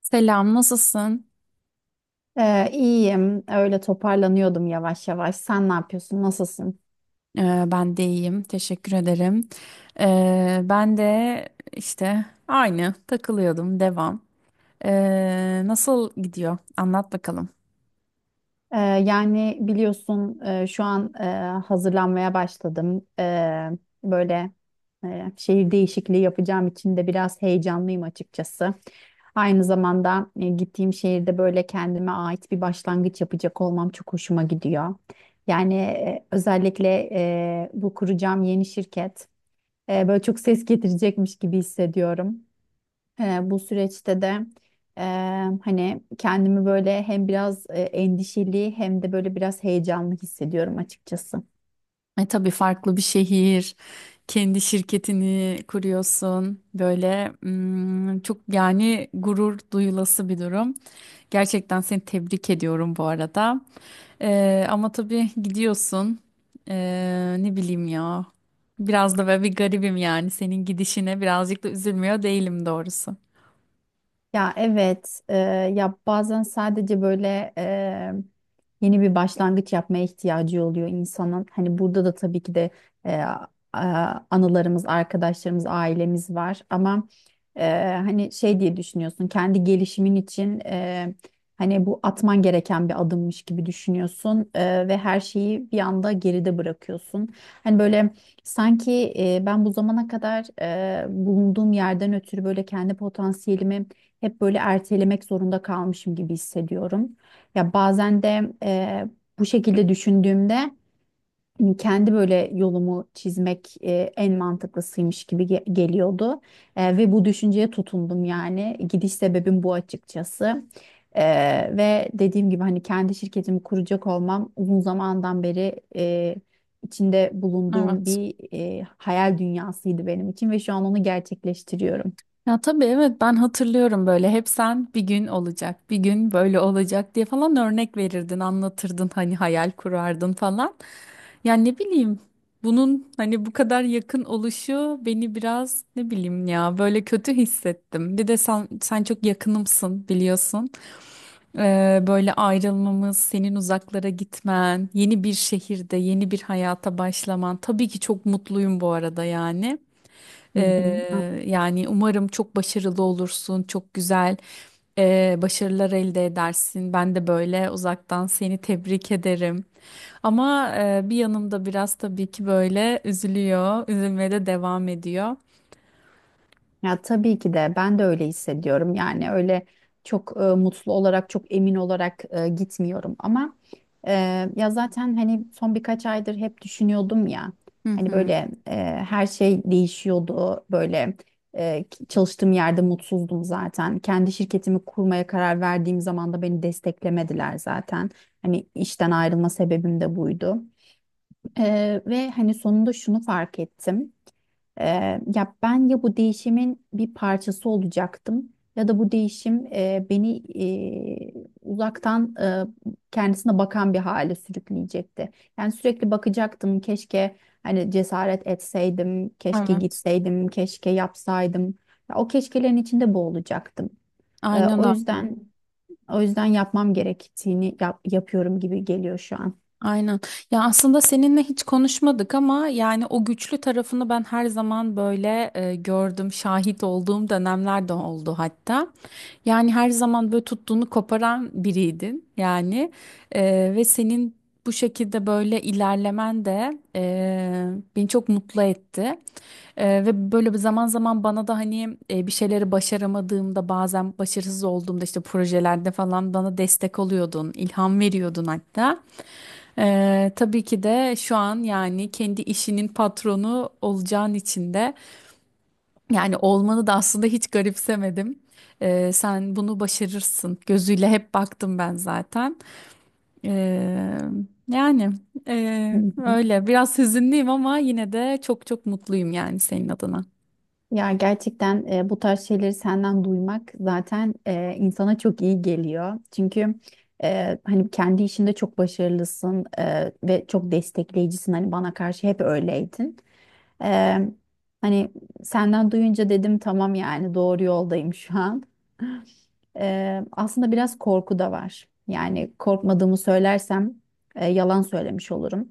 Selam, nasılsın? İyiyim. Öyle toparlanıyordum yavaş yavaş. Sen ne yapıyorsun? Nasılsın? Ben de iyiyim, teşekkür ederim. Ben de işte aynı takılıyordum, devam. Nasıl gidiyor? Anlat bakalım. Yani biliyorsun, şu an, hazırlanmaya başladım. Böyle, şehir değişikliği yapacağım için de biraz heyecanlıyım açıkçası. Aynı zamanda, gittiğim şehirde böyle kendime ait bir başlangıç yapacak olmam çok hoşuma gidiyor. Yani, özellikle, bu kuracağım yeni şirket, böyle çok ses getirecekmiş gibi hissediyorum. Bu süreçte de, e, hani kendimi böyle hem biraz, endişeli hem de böyle biraz heyecanlı hissediyorum açıkçası. Tabii farklı bir şehir, kendi şirketini kuruyorsun. Böyle çok yani gurur duyulası bir durum. Gerçekten seni tebrik ediyorum bu arada. Ama tabii gidiyorsun. Ne bileyim ya. Biraz da böyle bir garibim yani senin gidişine birazcık da üzülmüyor değilim doğrusu. Ya evet, ya bazen sadece böyle, yeni bir başlangıç yapmaya ihtiyacı oluyor insanın. Hani burada da tabii ki de, e, anılarımız, arkadaşlarımız, ailemiz var. Ama, e, hani şey diye düşünüyorsun, kendi gelişimin için, hani bu atman gereken bir adımmış gibi düşünüyorsun, ve her şeyi bir anda geride bırakıyorsun. Hani böyle. Sanki, ben bu zamana kadar, bulunduğum yerden ötürü böyle kendi potansiyelimi hep böyle ertelemek zorunda kalmışım gibi hissediyorum. Ya bazen de, bu şekilde düşündüğümde hani kendi böyle yolumu çizmek, en mantıklısıymış gibi geliyordu. Ve bu düşünceye tutundum yani. Gidiş sebebim bu açıkçası. E, Ve dediğim gibi hani kendi şirketimi kuracak olmam uzun zamandan beri, içinde bulunduğum Evet. bir, hayal dünyasıydı benim için ve şu an onu gerçekleştiriyorum. Ya tabii evet ben hatırlıyorum böyle hep sen bir gün olacak, bir gün böyle olacak diye falan örnek verirdin, anlatırdın hani hayal kurardın falan. Yani ne bileyim bunun hani bu kadar yakın oluşu beni biraz ne bileyim ya böyle kötü hissettim. Bir de sen çok yakınımsın biliyorsun. Böyle ayrılmamız, senin uzaklara gitmen, yeni bir şehirde, yeni bir hayata başlaman. Tabii ki çok mutluyum bu arada yani. Hı hı. Yani umarım çok başarılı olursun, çok güzel başarılar elde edersin. Ben de böyle uzaktan seni tebrik ederim. Ama bir yanımda biraz tabii ki böyle üzülüyor, üzülmeye de devam ediyor. Ya tabii ki de ben de öyle hissediyorum. Yani öyle çok, mutlu olarak, çok emin olarak, gitmiyorum ama, e, ya zaten hani son birkaç aydır hep düşünüyordum ya. Hı Hani hı. böyle, e, her şey değişiyordu. Böyle, çalıştığım yerde mutsuzdum zaten. Kendi şirketimi kurmaya karar verdiğim zaman da beni desteklemediler zaten. Hani işten ayrılma sebebim de buydu. Ve hani sonunda şunu fark ettim. Ya ben ya bu değişimin bir parçası olacaktım ya da bu değişim, beni, uzaktan, kendisine bakan bir hale sürükleyecekti. Yani sürekli bakacaktım keşke hani cesaret etseydim, keşke Evet. gitseydim, keşke yapsaydım. Ya o keşkelerin içinde boğulacaktım. Eee, Aynen o öyle. yüzden o yüzden yapmam gerektiğini yapıyorum gibi geliyor şu an. Aynen. Ya aslında seninle hiç konuşmadık ama yani o güçlü tarafını ben her zaman böyle gördüm, şahit olduğum dönemler de oldu hatta. Yani her zaman böyle tuttuğunu koparan biriydin yani. Ve senin bu şekilde böyle ilerlemen de beni çok mutlu etti. Ve böyle bir zaman zaman bana da hani bir şeyleri başaramadığımda bazen başarısız olduğumda işte projelerde falan bana destek oluyordun, ilham veriyordun hatta. Tabii ki de şu an yani kendi işinin patronu olacağın için de yani olmanı da aslında hiç garipsemedim. Sen bunu başarırsın gözüyle hep baktım ben zaten. Ee, yani Hı hı. Öyle biraz hüzünlüyüm ama yine de çok çok mutluyum yani senin adına. Ya gerçekten, bu tarz şeyleri senden duymak zaten, insana çok iyi geliyor. Çünkü, hani kendi işinde çok başarılısın, ve çok destekleyicisin. Hani bana karşı hep öyleydin. E, Hani senden duyunca dedim tamam yani doğru yoldayım şu an. Aslında biraz korku da var. Yani korkmadığımı söylersem, yalan söylemiş olurum.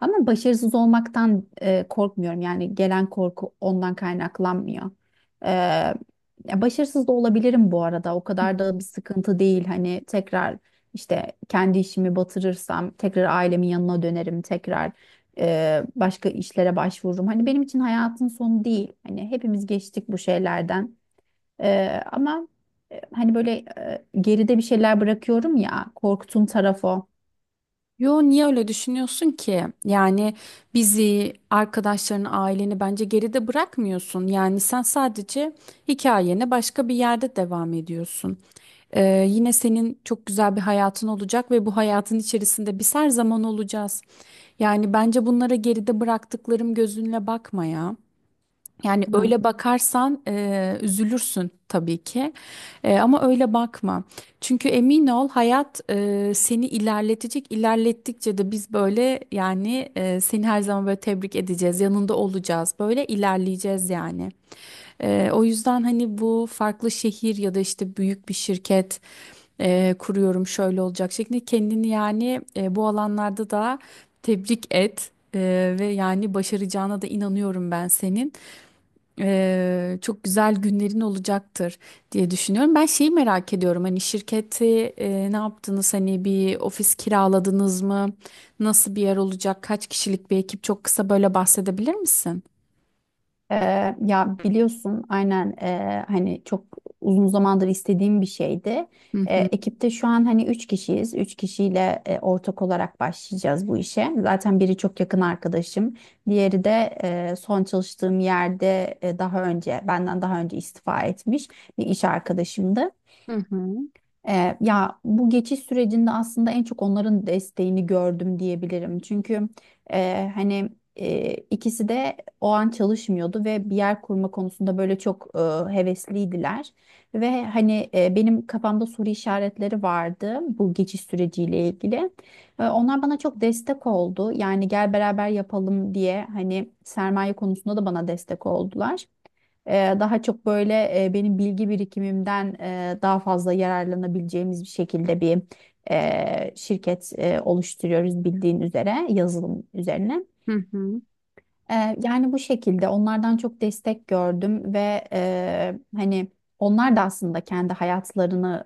Ama başarısız olmaktan, korkmuyorum. Yani gelen korku ondan kaynaklanmıyor. E, Ya başarısız da olabilirim bu arada. O kadar da bir sıkıntı değil. Hani tekrar işte kendi işimi batırırsam tekrar ailemin yanına dönerim. Tekrar, başka işlere başvururum. Hani benim için hayatın sonu değil. Hani hepimiz geçtik bu şeylerden. Ama, hani böyle, geride bir şeyler bırakıyorum ya. Korktuğum taraf o. Yo niye öyle düşünüyorsun ki? Yani bizi, arkadaşlarını, aileni bence geride bırakmıyorsun. Yani sen sadece hikayene başka bir yerde devam ediyorsun. Yine senin çok güzel bir hayatın olacak ve bu hayatın içerisinde biz her zaman olacağız. Yani bence bunlara geride bıraktıklarım gözünle bakma ya. Yani öyle bakarsan üzülürsün tabii ki. Ama öyle bakma. Çünkü emin ol hayat seni ilerletecek. İlerlettikçe de biz böyle yani seni her zaman böyle tebrik edeceğiz, yanında olacağız. Böyle ilerleyeceğiz yani. O yüzden hani bu farklı şehir ya da işte büyük bir şirket kuruyorum şöyle olacak şeklinde kendini yani bu alanlarda da tebrik et. Ve yani başaracağına da inanıyorum ben senin. Çok güzel günlerin olacaktır diye düşünüyorum. Ben şeyi merak ediyorum hani şirketi ne yaptınız hani bir ofis kiraladınız mı? Nasıl bir yer olacak? Kaç kişilik bir ekip? Çok kısa böyle bahsedebilir misin? Ya biliyorsun aynen, hani çok uzun zamandır istediğim bir şeydi. Hı hı. Ekipte şu an hani üç kişiyiz. Üç kişiyle, ortak olarak başlayacağız bu işe. Zaten biri çok yakın arkadaşım. Diğeri de, son çalıştığım yerde, daha önce benden daha önce istifa etmiş bir iş arkadaşımdı. Hı hı. Ya bu geçiş sürecinde aslında en çok onların desteğini gördüm diyebilirim. Çünkü, hani, ikisi de o an çalışmıyordu ve bir yer kurma konusunda böyle çok, hevesliydiler. Ve hani, benim kafamda soru işaretleri vardı bu geçiş süreciyle ilgili. Onlar bana çok destek oldu. Yani gel beraber yapalım diye hani sermaye konusunda da bana destek oldular. Daha çok böyle, benim bilgi birikimimden, daha fazla yararlanabileceğimiz bir şekilde bir, şirket, oluşturuyoruz bildiğin üzere yazılım üzerine. Hı Yani bu şekilde onlardan çok destek gördüm ve, hani onlar da aslında kendi hayatlarını,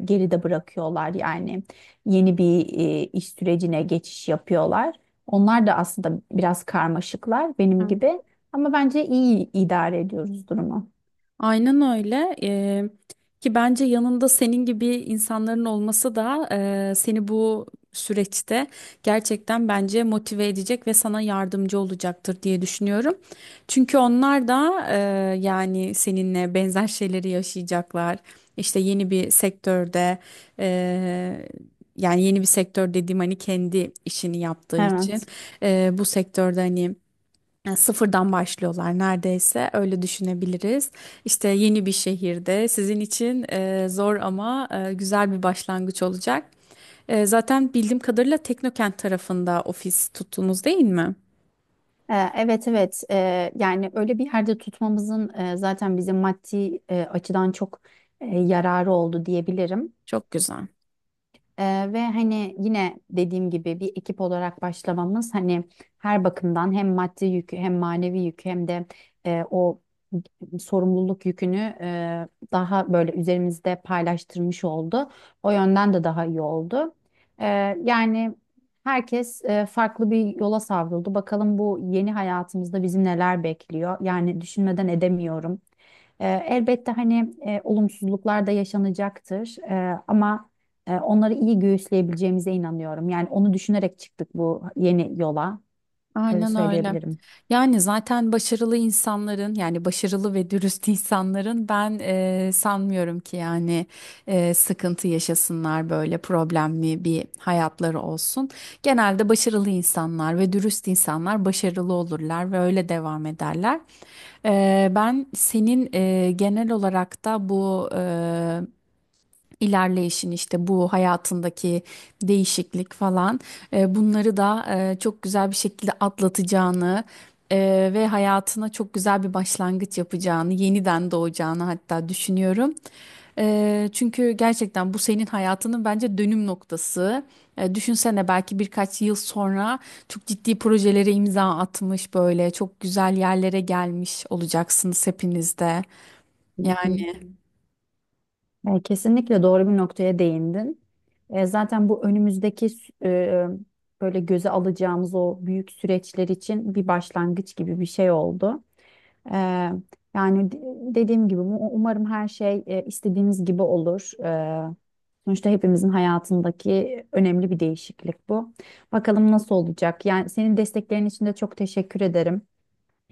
geride bırakıyorlar yani yeni bir, iş sürecine geçiş yapıyorlar. Onlar da aslında biraz karmaşıklar benim hı. gibi ama bence iyi idare ediyoruz durumu. Aynen öyle. Ki bence yanında senin gibi insanların olması da seni bu süreçte gerçekten bence motive edecek ve sana yardımcı olacaktır diye düşünüyorum. Çünkü onlar da yani seninle benzer şeyleri yaşayacaklar. İşte yeni bir sektörde eee, yani yeni bir sektör dediğim hani kendi işini yaptığı için Evet. Bu sektörde hani. Yani sıfırdan başlıyorlar neredeyse öyle düşünebiliriz. İşte yeni bir şehirde sizin için zor ama güzel bir başlangıç olacak. Zaten bildiğim kadarıyla Teknokent tarafında ofis tuttunuz değil mi? Evet, evet. Yani öyle bir yerde tutmamızın, zaten bize maddi, açıdan çok, yararı oldu diyebilirim. Çok güzel. Ve hani yine dediğim gibi bir ekip olarak başlamamız hani her bakımdan hem maddi yükü hem manevi yükü hem de, o sorumluluk yükünü, daha böyle üzerimizde paylaştırmış oldu. O yönden de daha iyi oldu. Ee, Yani herkes, farklı bir yola savruldu. Bakalım bu yeni hayatımızda bizi neler bekliyor? Yani düşünmeden edemiyorum. Elbette hani, olumsuzluklar da yaşanacaktır, ama, onları iyi göğüsleyebileceğimize inanıyorum. Yani onu düşünerek çıktık bu yeni yola. Öyle Aynen öyle. söyleyebilirim. Yani zaten başarılı insanların yani başarılı ve dürüst insanların ben sanmıyorum ki yani sıkıntı yaşasınlar böyle problemli bir hayatları olsun. Genelde başarılı insanlar ve dürüst insanlar başarılı olurlar ve öyle devam ederler. Ben senin genel olarak da bu ilerleyişin işte bu hayatındaki değişiklik falan bunları da çok güzel bir şekilde atlatacağını ve hayatına çok güzel bir başlangıç yapacağını, yeniden doğacağını hatta düşünüyorum. Çünkü gerçekten bu senin hayatının bence dönüm noktası. Düşünsene belki birkaç yıl sonra çok ciddi projelere imza atmış böyle çok güzel yerlere gelmiş olacaksınız hepiniz de. Hı Yani hı. Kesinlikle doğru bir noktaya değindin. Zaten bu önümüzdeki böyle göze alacağımız o büyük süreçler için bir başlangıç gibi bir şey oldu. Ee, Yani dediğim gibi umarım her şey, istediğimiz gibi olur. Sonuçta hepimizin hayatındaki önemli bir değişiklik bu. Bakalım nasıl olacak? Yani senin desteklerin için de çok teşekkür ederim.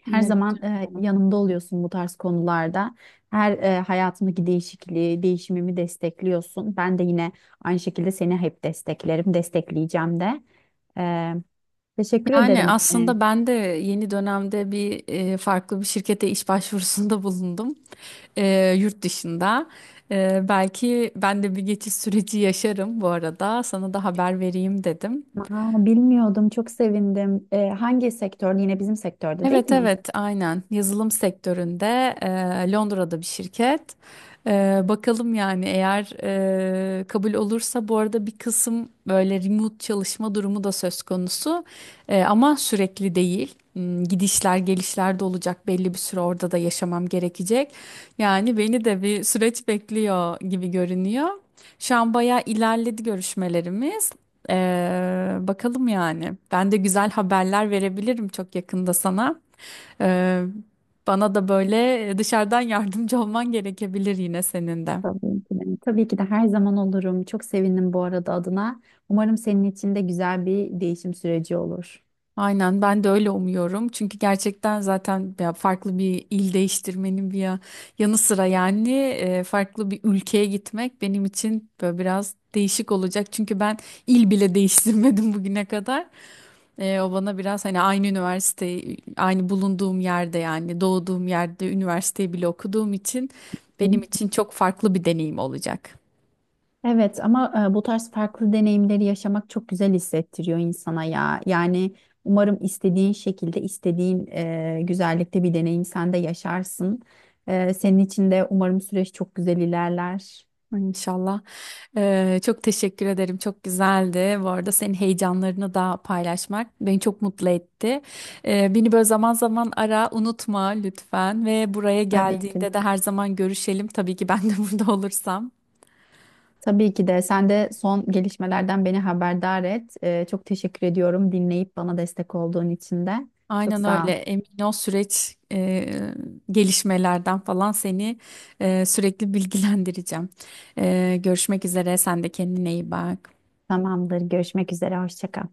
Her ne zaman, diyeceğim? Yanımda oluyorsun bu tarz konularda. Her, hayatımdaki değişikliği, değişimimi destekliyorsun. Ben de yine aynı şekilde seni hep desteklerim, destekleyeceğim de. Ee, Teşekkür Yani ederim. aslında ben de yeni dönemde bir farklı bir şirkete iş başvurusunda bulundum. Yurt dışında. Belki ben de bir geçiş süreci yaşarım bu arada. Sana da haber vereyim dedim. Aa, bilmiyordum. Çok sevindim. Hangi sektörde? Yine bizim sektörde değil Evet mi? evet aynen yazılım sektöründe Londra'da bir şirket. Bakalım yani eğer kabul olursa bu arada bir kısım böyle remote çalışma durumu da söz konusu. Ama sürekli değil. Gidişler gelişler de olacak belli bir süre orada da yaşamam gerekecek. Yani beni de bir süreç bekliyor gibi görünüyor. Şu an bayağı ilerledi görüşmelerimiz. Bakalım yani. Ben de güzel haberler verebilirim çok yakında sana. Ee, Bana da böyle dışarıdan yardımcı olman gerekebilir yine senin de. Tabii ki de. Tabii ki de her zaman olurum. Çok sevindim bu arada adına. Umarım senin için de güzel bir değişim süreci olur. Aynen ben de öyle umuyorum. Çünkü gerçekten zaten ya farklı bir il değiştirmenin bir yanı sıra yani farklı bir ülkeye gitmek benim için böyle biraz değişik olacak. Çünkü ben il bile değiştirmedim bugüne kadar. O bana biraz hani aynı üniversite, aynı bulunduğum yerde yani doğduğum yerde üniversiteyi bile okuduğum için Hı. benim için çok farklı bir deneyim olacak. Evet ama, bu tarz farklı deneyimleri yaşamak çok güzel hissettiriyor insana ya. Yani umarım istediğin şekilde, istediğin, güzellikte bir deneyim sen de yaşarsın. Senin için de umarım süreç çok güzel ilerler. İnşallah. Çok teşekkür ederim. Çok güzeldi. Bu arada senin heyecanlarını da paylaşmak beni çok mutlu etti. Beni böyle zaman zaman ara, unutma lütfen ve buraya Tabii ki geldiğinde de de. her zaman görüşelim. Tabii ki ben de burada olursam. Tabii ki de sen de son gelişmelerden beni haberdar et. Çok teşekkür ediyorum dinleyip bana destek olduğun için de. Çok Aynen sağ öyle. ol. Emin ol süreç gelişmelerden falan seni sürekli bilgilendireceğim. Görüşmek üzere. Sen de kendine iyi bak. Tamamdır. Görüşmek üzere. Hoşça kal.